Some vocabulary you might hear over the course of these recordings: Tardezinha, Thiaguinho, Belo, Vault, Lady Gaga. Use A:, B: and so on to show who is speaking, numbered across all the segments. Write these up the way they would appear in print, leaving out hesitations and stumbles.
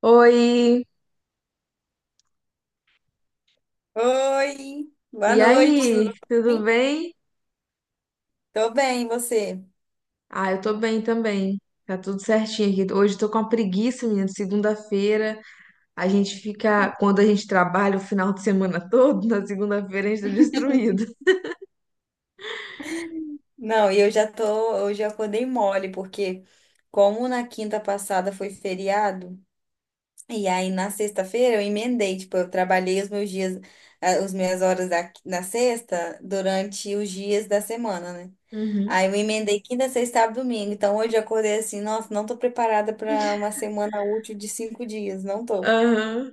A: Oi,
B: Oi, boa
A: e
B: noite,
A: aí?
B: tudo
A: Tudo
B: bem?
A: bem?
B: Tô bem, e você?
A: Ah, eu tô bem também. Tá tudo certinho aqui. Hoje eu tô com uma preguiça, menina. Segunda-feira, a gente fica. Quando a gente trabalha o final de semana todo, na segunda-feira a gente tá destruído.
B: Não, e eu já acordei mole, porque como na quinta passada foi feriado, e aí na sexta-feira eu emendei, tipo, eu trabalhei os meus dias, os minhas horas na sexta durante os dias da semana, né? Aí
A: Uhum.
B: eu emendei quinta, sexta, sábado, domingo. Então hoje eu acordei assim, nossa, não tô preparada pra uma semana útil de 5 dias, não tô.
A: Aham.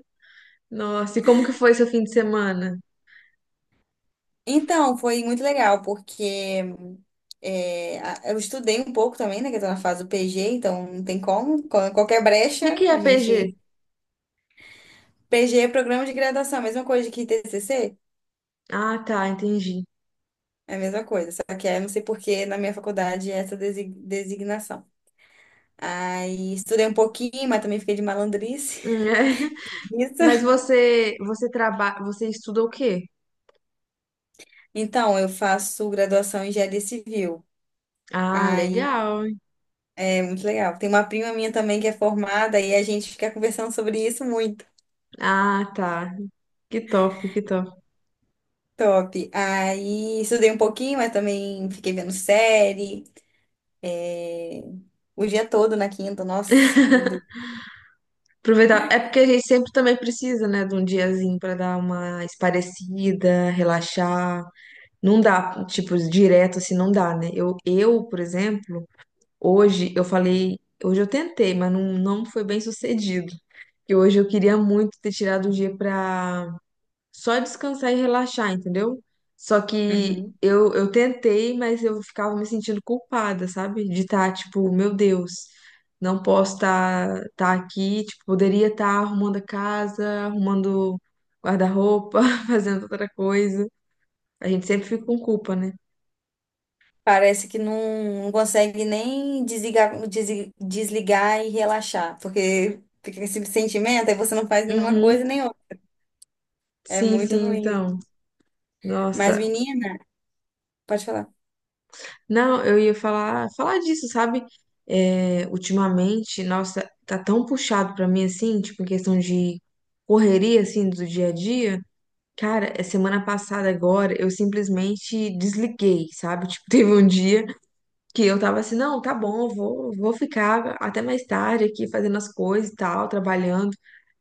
A: Nossa, e como que foi seu fim de semana?
B: Então, foi muito legal, porque eu estudei um pouco também, né? Que eu tô na fase do PG, então não tem como. Qualquer
A: O que
B: brecha,
A: que é
B: a
A: PG?
B: gente. PG é programa de graduação, a mesma coisa que TCC,
A: Ah, tá, entendi.
B: é a mesma coisa. Só que aí eu não sei por que na minha faculdade é essa designação. Aí estudei um pouquinho, mas também fiquei de malandrice.
A: É.
B: Isso.
A: Mas você trabalha, você estuda o quê?
B: Então, eu faço graduação em engenharia civil.
A: Ah,
B: Aí
A: legal.
B: é muito legal. Tem uma prima minha também que é formada e a gente fica conversando sobre isso muito.
A: Ah, tá. Que top, que top.
B: Top. Aí estudei um pouquinho, mas também fiquei vendo série. é, O dia todo na quinta, nossa, meu Deus.
A: Aproveitar. É porque a gente sempre também precisa, né, de um diazinho pra dar uma esparecida, relaxar. Não dá, tipo, direto assim, não dá, né? Eu, por exemplo, hoje eu falei, hoje eu tentei, mas não foi bem sucedido. Que hoje eu queria muito ter tirado um dia pra só descansar e relaxar, entendeu? Só que
B: Uhum.
A: eu tentei, mas eu ficava me sentindo culpada, sabe? De estar, tipo, meu Deus, não posso estar aqui, tipo, poderia estar arrumando a casa, arrumando guarda-roupa, fazendo outra coisa. A gente sempre fica com culpa, né?
B: Parece que não, não consegue nem desligar, desligar e relaxar, porque fica com esse sentimento, aí você não faz nenhuma
A: Uhum.
B: coisa nem outra. É
A: Sim,
B: muito
A: sim,
B: ruim.
A: então.
B: Mas,
A: Nossa,
B: menina, pode falar.
A: não, eu ia falar, falar disso, sabe? É, ultimamente, nossa, tá tão puxado pra mim assim, tipo, em questão de correria assim do dia a dia. Cara, é semana passada agora, eu simplesmente desliguei, sabe? Tipo, teve um dia que eu tava assim, não, tá bom, vou ficar até mais tarde aqui fazendo as coisas e tal, trabalhando.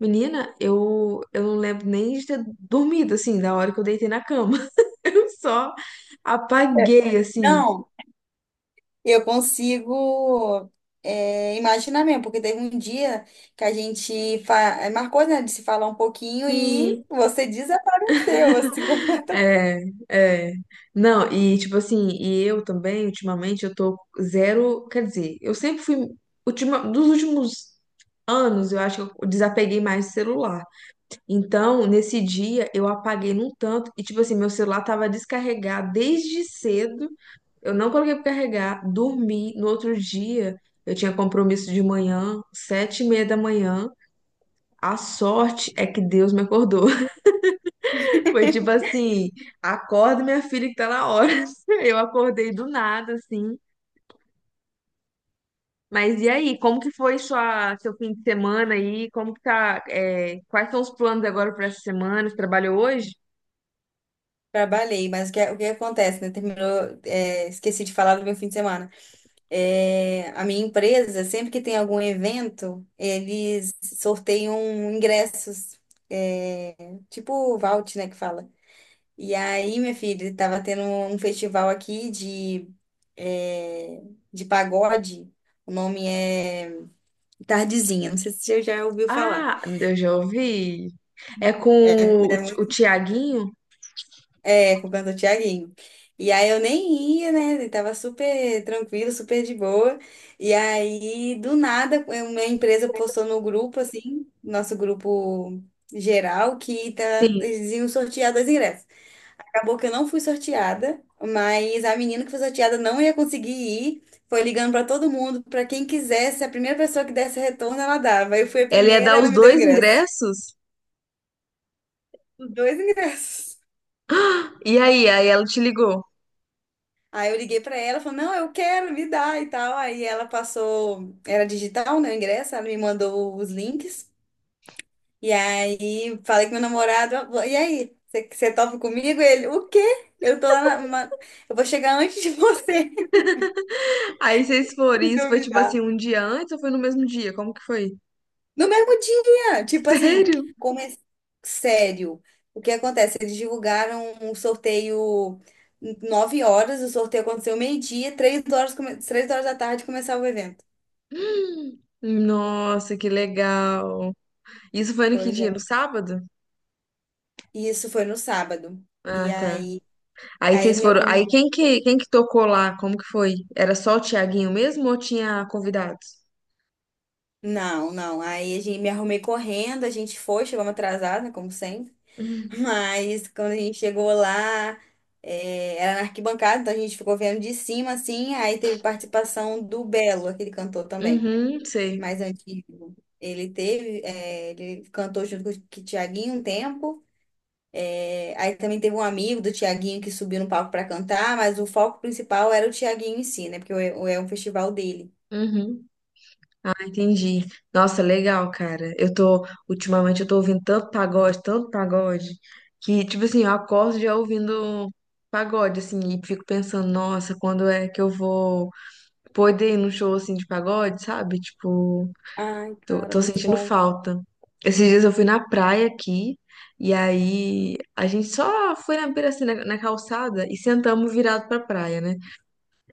A: Menina, eu não lembro nem de ter dormido assim, da hora que eu deitei na cama. Eu só
B: É.
A: apaguei assim.
B: Não. Eu consigo imaginar mesmo, porque teve um dia que a gente marcou, né, de se falar um pouquinho e
A: Sim.
B: você desapareceu, assim, completamente.
A: É, é. Não, e tipo assim, e eu também, ultimamente, eu tô zero. Quer dizer, eu sempre fui. Ultima, dos últimos anos, eu acho que eu desapeguei mais do celular. Então, nesse dia, eu apaguei num tanto. E tipo assim, meu celular tava descarregado desde cedo. Eu não coloquei pra carregar, dormi. No outro dia, eu tinha compromisso de manhã, sete e meia da manhã. A sorte é que Deus me acordou. Foi tipo assim, acorda minha filha que tá na hora. Eu acordei do nada, assim. Mas e aí, como que foi sua, seu fim de semana aí? Como que tá, é, quais são os planos agora para essa semana? Você trabalhou hoje?
B: Trabalhei, mas o que acontece, né? Terminou, esqueci de falar do meu fim de semana. É, a minha empresa, sempre que tem algum evento, eles sorteiam ingressos, é, tipo o Vault, né, que fala. E aí, minha filha, tava tendo um festival aqui eh, de pagode. O nome é Tardezinha. Não sei se você já ouviu falar.
A: Ah, eu já ouvi. É com
B: É,
A: o,
B: é,
A: o Tiaguinho?
B: é com o cantor Thiaguinho. E aí eu nem ia, né? Eu tava super tranquilo, super de boa. E aí, do nada, a minha empresa postou no grupo, assim, nosso grupo geral, que tá,
A: Sim.
B: eles iam sortear dois ingressos. Acabou que eu não fui sorteada, mas a menina que foi sorteada não ia conseguir ir. Foi ligando para todo mundo, para quem quisesse, a primeira pessoa que desse retorno, ela dava. Eu fui a
A: Ela ia
B: primeira,
A: dar
B: ela
A: os
B: me deu o
A: dois
B: ingresso.
A: ingressos?
B: Os dois ingressos.
A: E aí, aí ela te ligou.
B: Aí eu liguei para ela, falou: "Não, eu quero, me dá" e tal. Aí ela passou, era digital, né, o ingresso, ela me mandou os links. E aí falei com meu namorado: "Ah, "E aí, você topa comigo?" Ele: "O quê? Eu tô lá na, uma- eu vou chegar antes de você,
A: Aí vocês foram,
B: se
A: e isso foi tipo
B: duvidar."
A: assim, um dia antes ou foi no mesmo dia? Como que foi?
B: No mesmo dia, tipo assim,
A: Sério?
B: come... sério. O que acontece? Eles divulgaram um sorteio 9 horas, o sorteio aconteceu meio-dia, três horas da tarde começava o evento.
A: Nossa, que legal. Isso foi no que
B: Pois
A: dia? No
B: é.
A: sábado?
B: E isso foi no sábado. E
A: Ah, tá.
B: aí,
A: Aí
B: aí
A: vocês
B: minha
A: foram.
B: cor...
A: Aí quem que tocou lá? Como que foi? Era só o Tiaguinho mesmo ou tinha convidados?
B: Não, não. Aí a gente me arrumei correndo, a gente foi, chegamos atrasada, como sempre.
A: Uhum.
B: Mas quando a gente chegou lá, era na arquibancada, então a gente ficou vendo de cima, assim. Aí teve participação do Belo, aquele cantor também,
A: Uhum, sei.
B: mais antigo. Ele cantou junto com o Tiaguinho um tempo. Aí também teve um amigo do Tiaguinho que subiu no palco para cantar, mas o foco principal era o Tiaguinho em si, né? Porque é um festival dele.
A: Uhum. Ah, entendi. Nossa, legal, cara. Eu tô, ultimamente eu tô ouvindo tanto pagode, que, tipo assim, eu acordo já ouvindo pagode, assim, e fico pensando, nossa, quando é que eu vou poder ir num show, assim, de pagode, sabe? Tipo,
B: Ai,
A: tô,
B: cara,
A: tô
B: muito
A: sentindo
B: bom.
A: falta. Esses dias eu fui na praia aqui, e aí a gente só foi na beira, assim, na calçada e sentamos virado pra praia, né?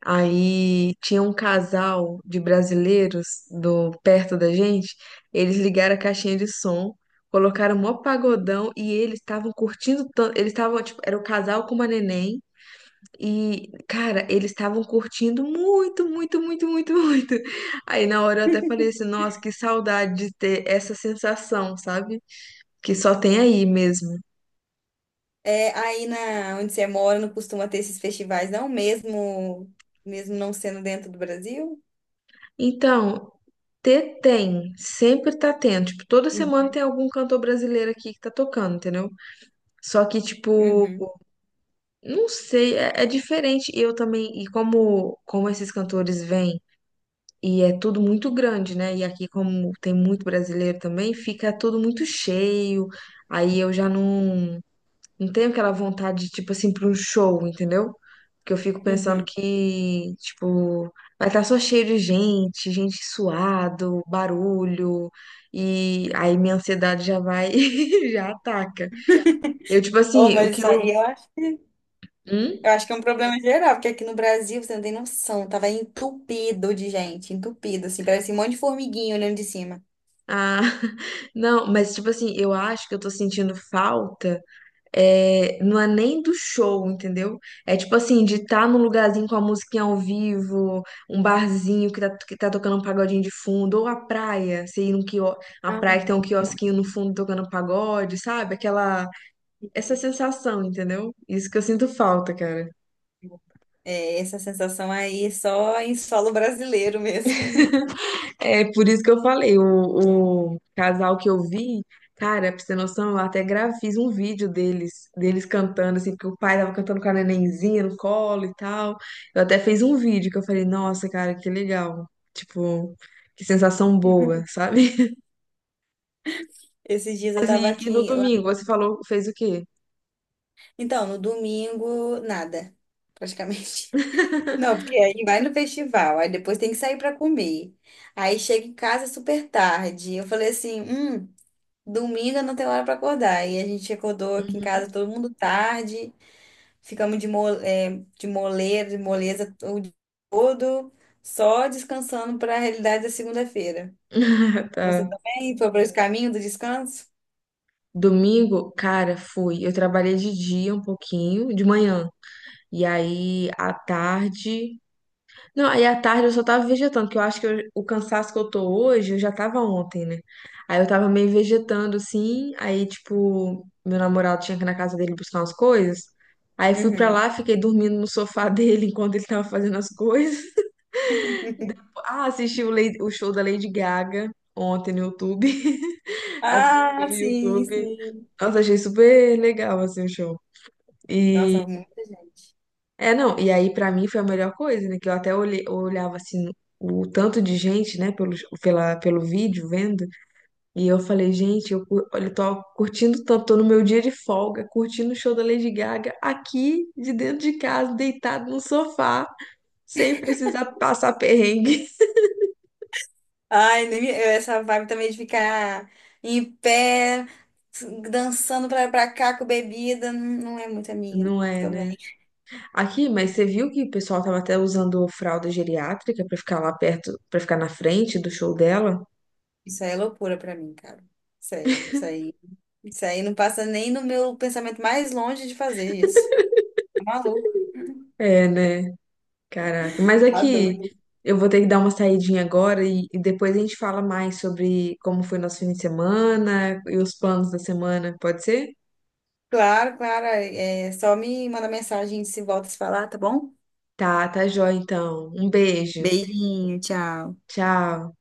A: Aí tinha um casal de brasileiros do, perto da gente, eles ligaram a caixinha de som, colocaram mó pagodão e eles estavam curtindo tanto. Eles estavam, tipo, era o casal com uma neném. E, cara, eles estavam curtindo muito, muito, muito, muito, muito. Aí na hora eu até falei assim, nossa, que saudade de ter essa sensação, sabe? Que só tem aí mesmo.
B: É, aí na onde você mora não costuma ter esses festivais, não, mesmo, mesmo não sendo dentro do Brasil?
A: Então, ter tem, sempre tá tendo. Tipo, toda semana
B: Uhum,
A: tem algum cantor brasileiro aqui que tá tocando, entendeu? Só que, tipo,
B: uhum,
A: não sei, é, é diferente. E eu também, e como, como esses cantores vêm. E é tudo muito grande, né? E aqui, como tem muito brasileiro também, fica tudo muito cheio. Aí eu já não, não tenho aquela vontade, tipo assim, para um show, entendeu? Porque eu fico pensando
B: uhum.
A: que, tipo, vai estar só cheio de gente, gente suado, barulho. E aí minha ansiedade já vai, e já ataca. Eu, tipo
B: Oh,
A: assim, o
B: mas
A: que
B: isso
A: eu.
B: aí eu acho,
A: Hum?
B: eu acho que é um problema geral, porque aqui no Brasil, você não tem noção, tava entupido de gente, entupido, assim, parecia um monte de formiguinha olhando de cima.
A: Ah, não, mas tipo assim, eu acho que eu tô sentindo falta. É, não é nem do show, entendeu? É tipo assim, de estar num lugarzinho com a musiquinha ao vivo, um barzinho que tá tocando um pagodinho de fundo, ou a praia, você ir num quio, a
B: Ah.
A: praia que tem um
B: Não.
A: quiosquinho no fundo tocando pagode, sabe? Aquela, essa sensação, entendeu? Isso que eu sinto falta, cara.
B: É, essa sensação aí só em solo brasileiro mesmo.
A: É por isso que eu falei, o casal que eu vi, cara, pra você ter noção, eu até gravei, fiz um vídeo deles, deles cantando, assim, porque o pai tava cantando com a nenenzinha no colo e tal. Eu até fiz um vídeo que eu falei, nossa, cara, que legal. Tipo, que sensação boa, sabe?
B: Esses dias eu tava
A: E no
B: aqui lá.
A: domingo, você falou, fez o quê?
B: Então, no domingo, nada, praticamente. Não, porque aí vai no festival, aí depois tem que sair para comer. Aí chega em casa super tarde. Eu falei assim, domingo eu não tem hora para acordar. E a gente acordou aqui em casa
A: Uhum.
B: todo mundo tarde, ficamos de, mo é, de moleira, de moleza o dia todo, só descansando para a realidade da segunda-feira. Você
A: Tá.
B: também foi para esse caminho do descanso?
A: Domingo, cara, fui. Eu trabalhei de dia um pouquinho, de manhã. E aí, à tarde. Não, aí à tarde eu só tava vegetando, que eu acho que eu- o cansaço que eu tô hoje, eu já tava ontem, né? Aí eu tava meio vegetando, assim, aí, tipo, meu namorado tinha que ir na casa dele buscar umas coisas. Aí fui pra
B: Uhum.
A: lá, fiquei dormindo no sofá dele enquanto ele tava fazendo as coisas. Ah, assisti o, Lady- o show da Lady Gaga ontem no YouTube. Assisti
B: Ah,
A: pelo
B: sim,
A: YouTube.
B: sim.
A: Nossa, achei super legal, assim, o show.
B: Nossa,
A: E
B: muita gente.
A: é, não, e aí pra mim foi a melhor coisa, né? Que eu até olhe- eu olhava assim o tanto de gente, né, pelo, pela, pelo vídeo vendo, e eu falei, gente, eu, cu- olha, eu tô curtindo tanto, tô no meu dia de folga, curtindo o show da Lady Gaga aqui de dentro de casa, deitado no sofá, sem precisar passar perrengue.
B: Ai, nem me- eu- essa vibe também de ficar em pé, dançando pra cá com bebida, não é muito a minha
A: Não é,
B: também.
A: né? Aqui, mas você viu que o pessoal tava até usando fralda geriátrica pra ficar lá perto, pra ficar na frente do show dela?
B: Isso aí é loucura pra mim, cara. Sério, isso aí não passa nem no meu pensamento mais longe de fazer isso. Tá maluco.
A: É, né? Caraca, mas é
B: Tá
A: que
B: doido.
A: eu vou ter que dar uma saidinha agora e depois a gente fala mais sobre como foi nosso fim de semana e os planos da semana, pode ser?
B: Claro, claro. É, é, só me manda mensagem se volta a se falar, tá bom?
A: Tá, tá jóia então. Um beijo.
B: Beijinho, tchau.
A: Tchau.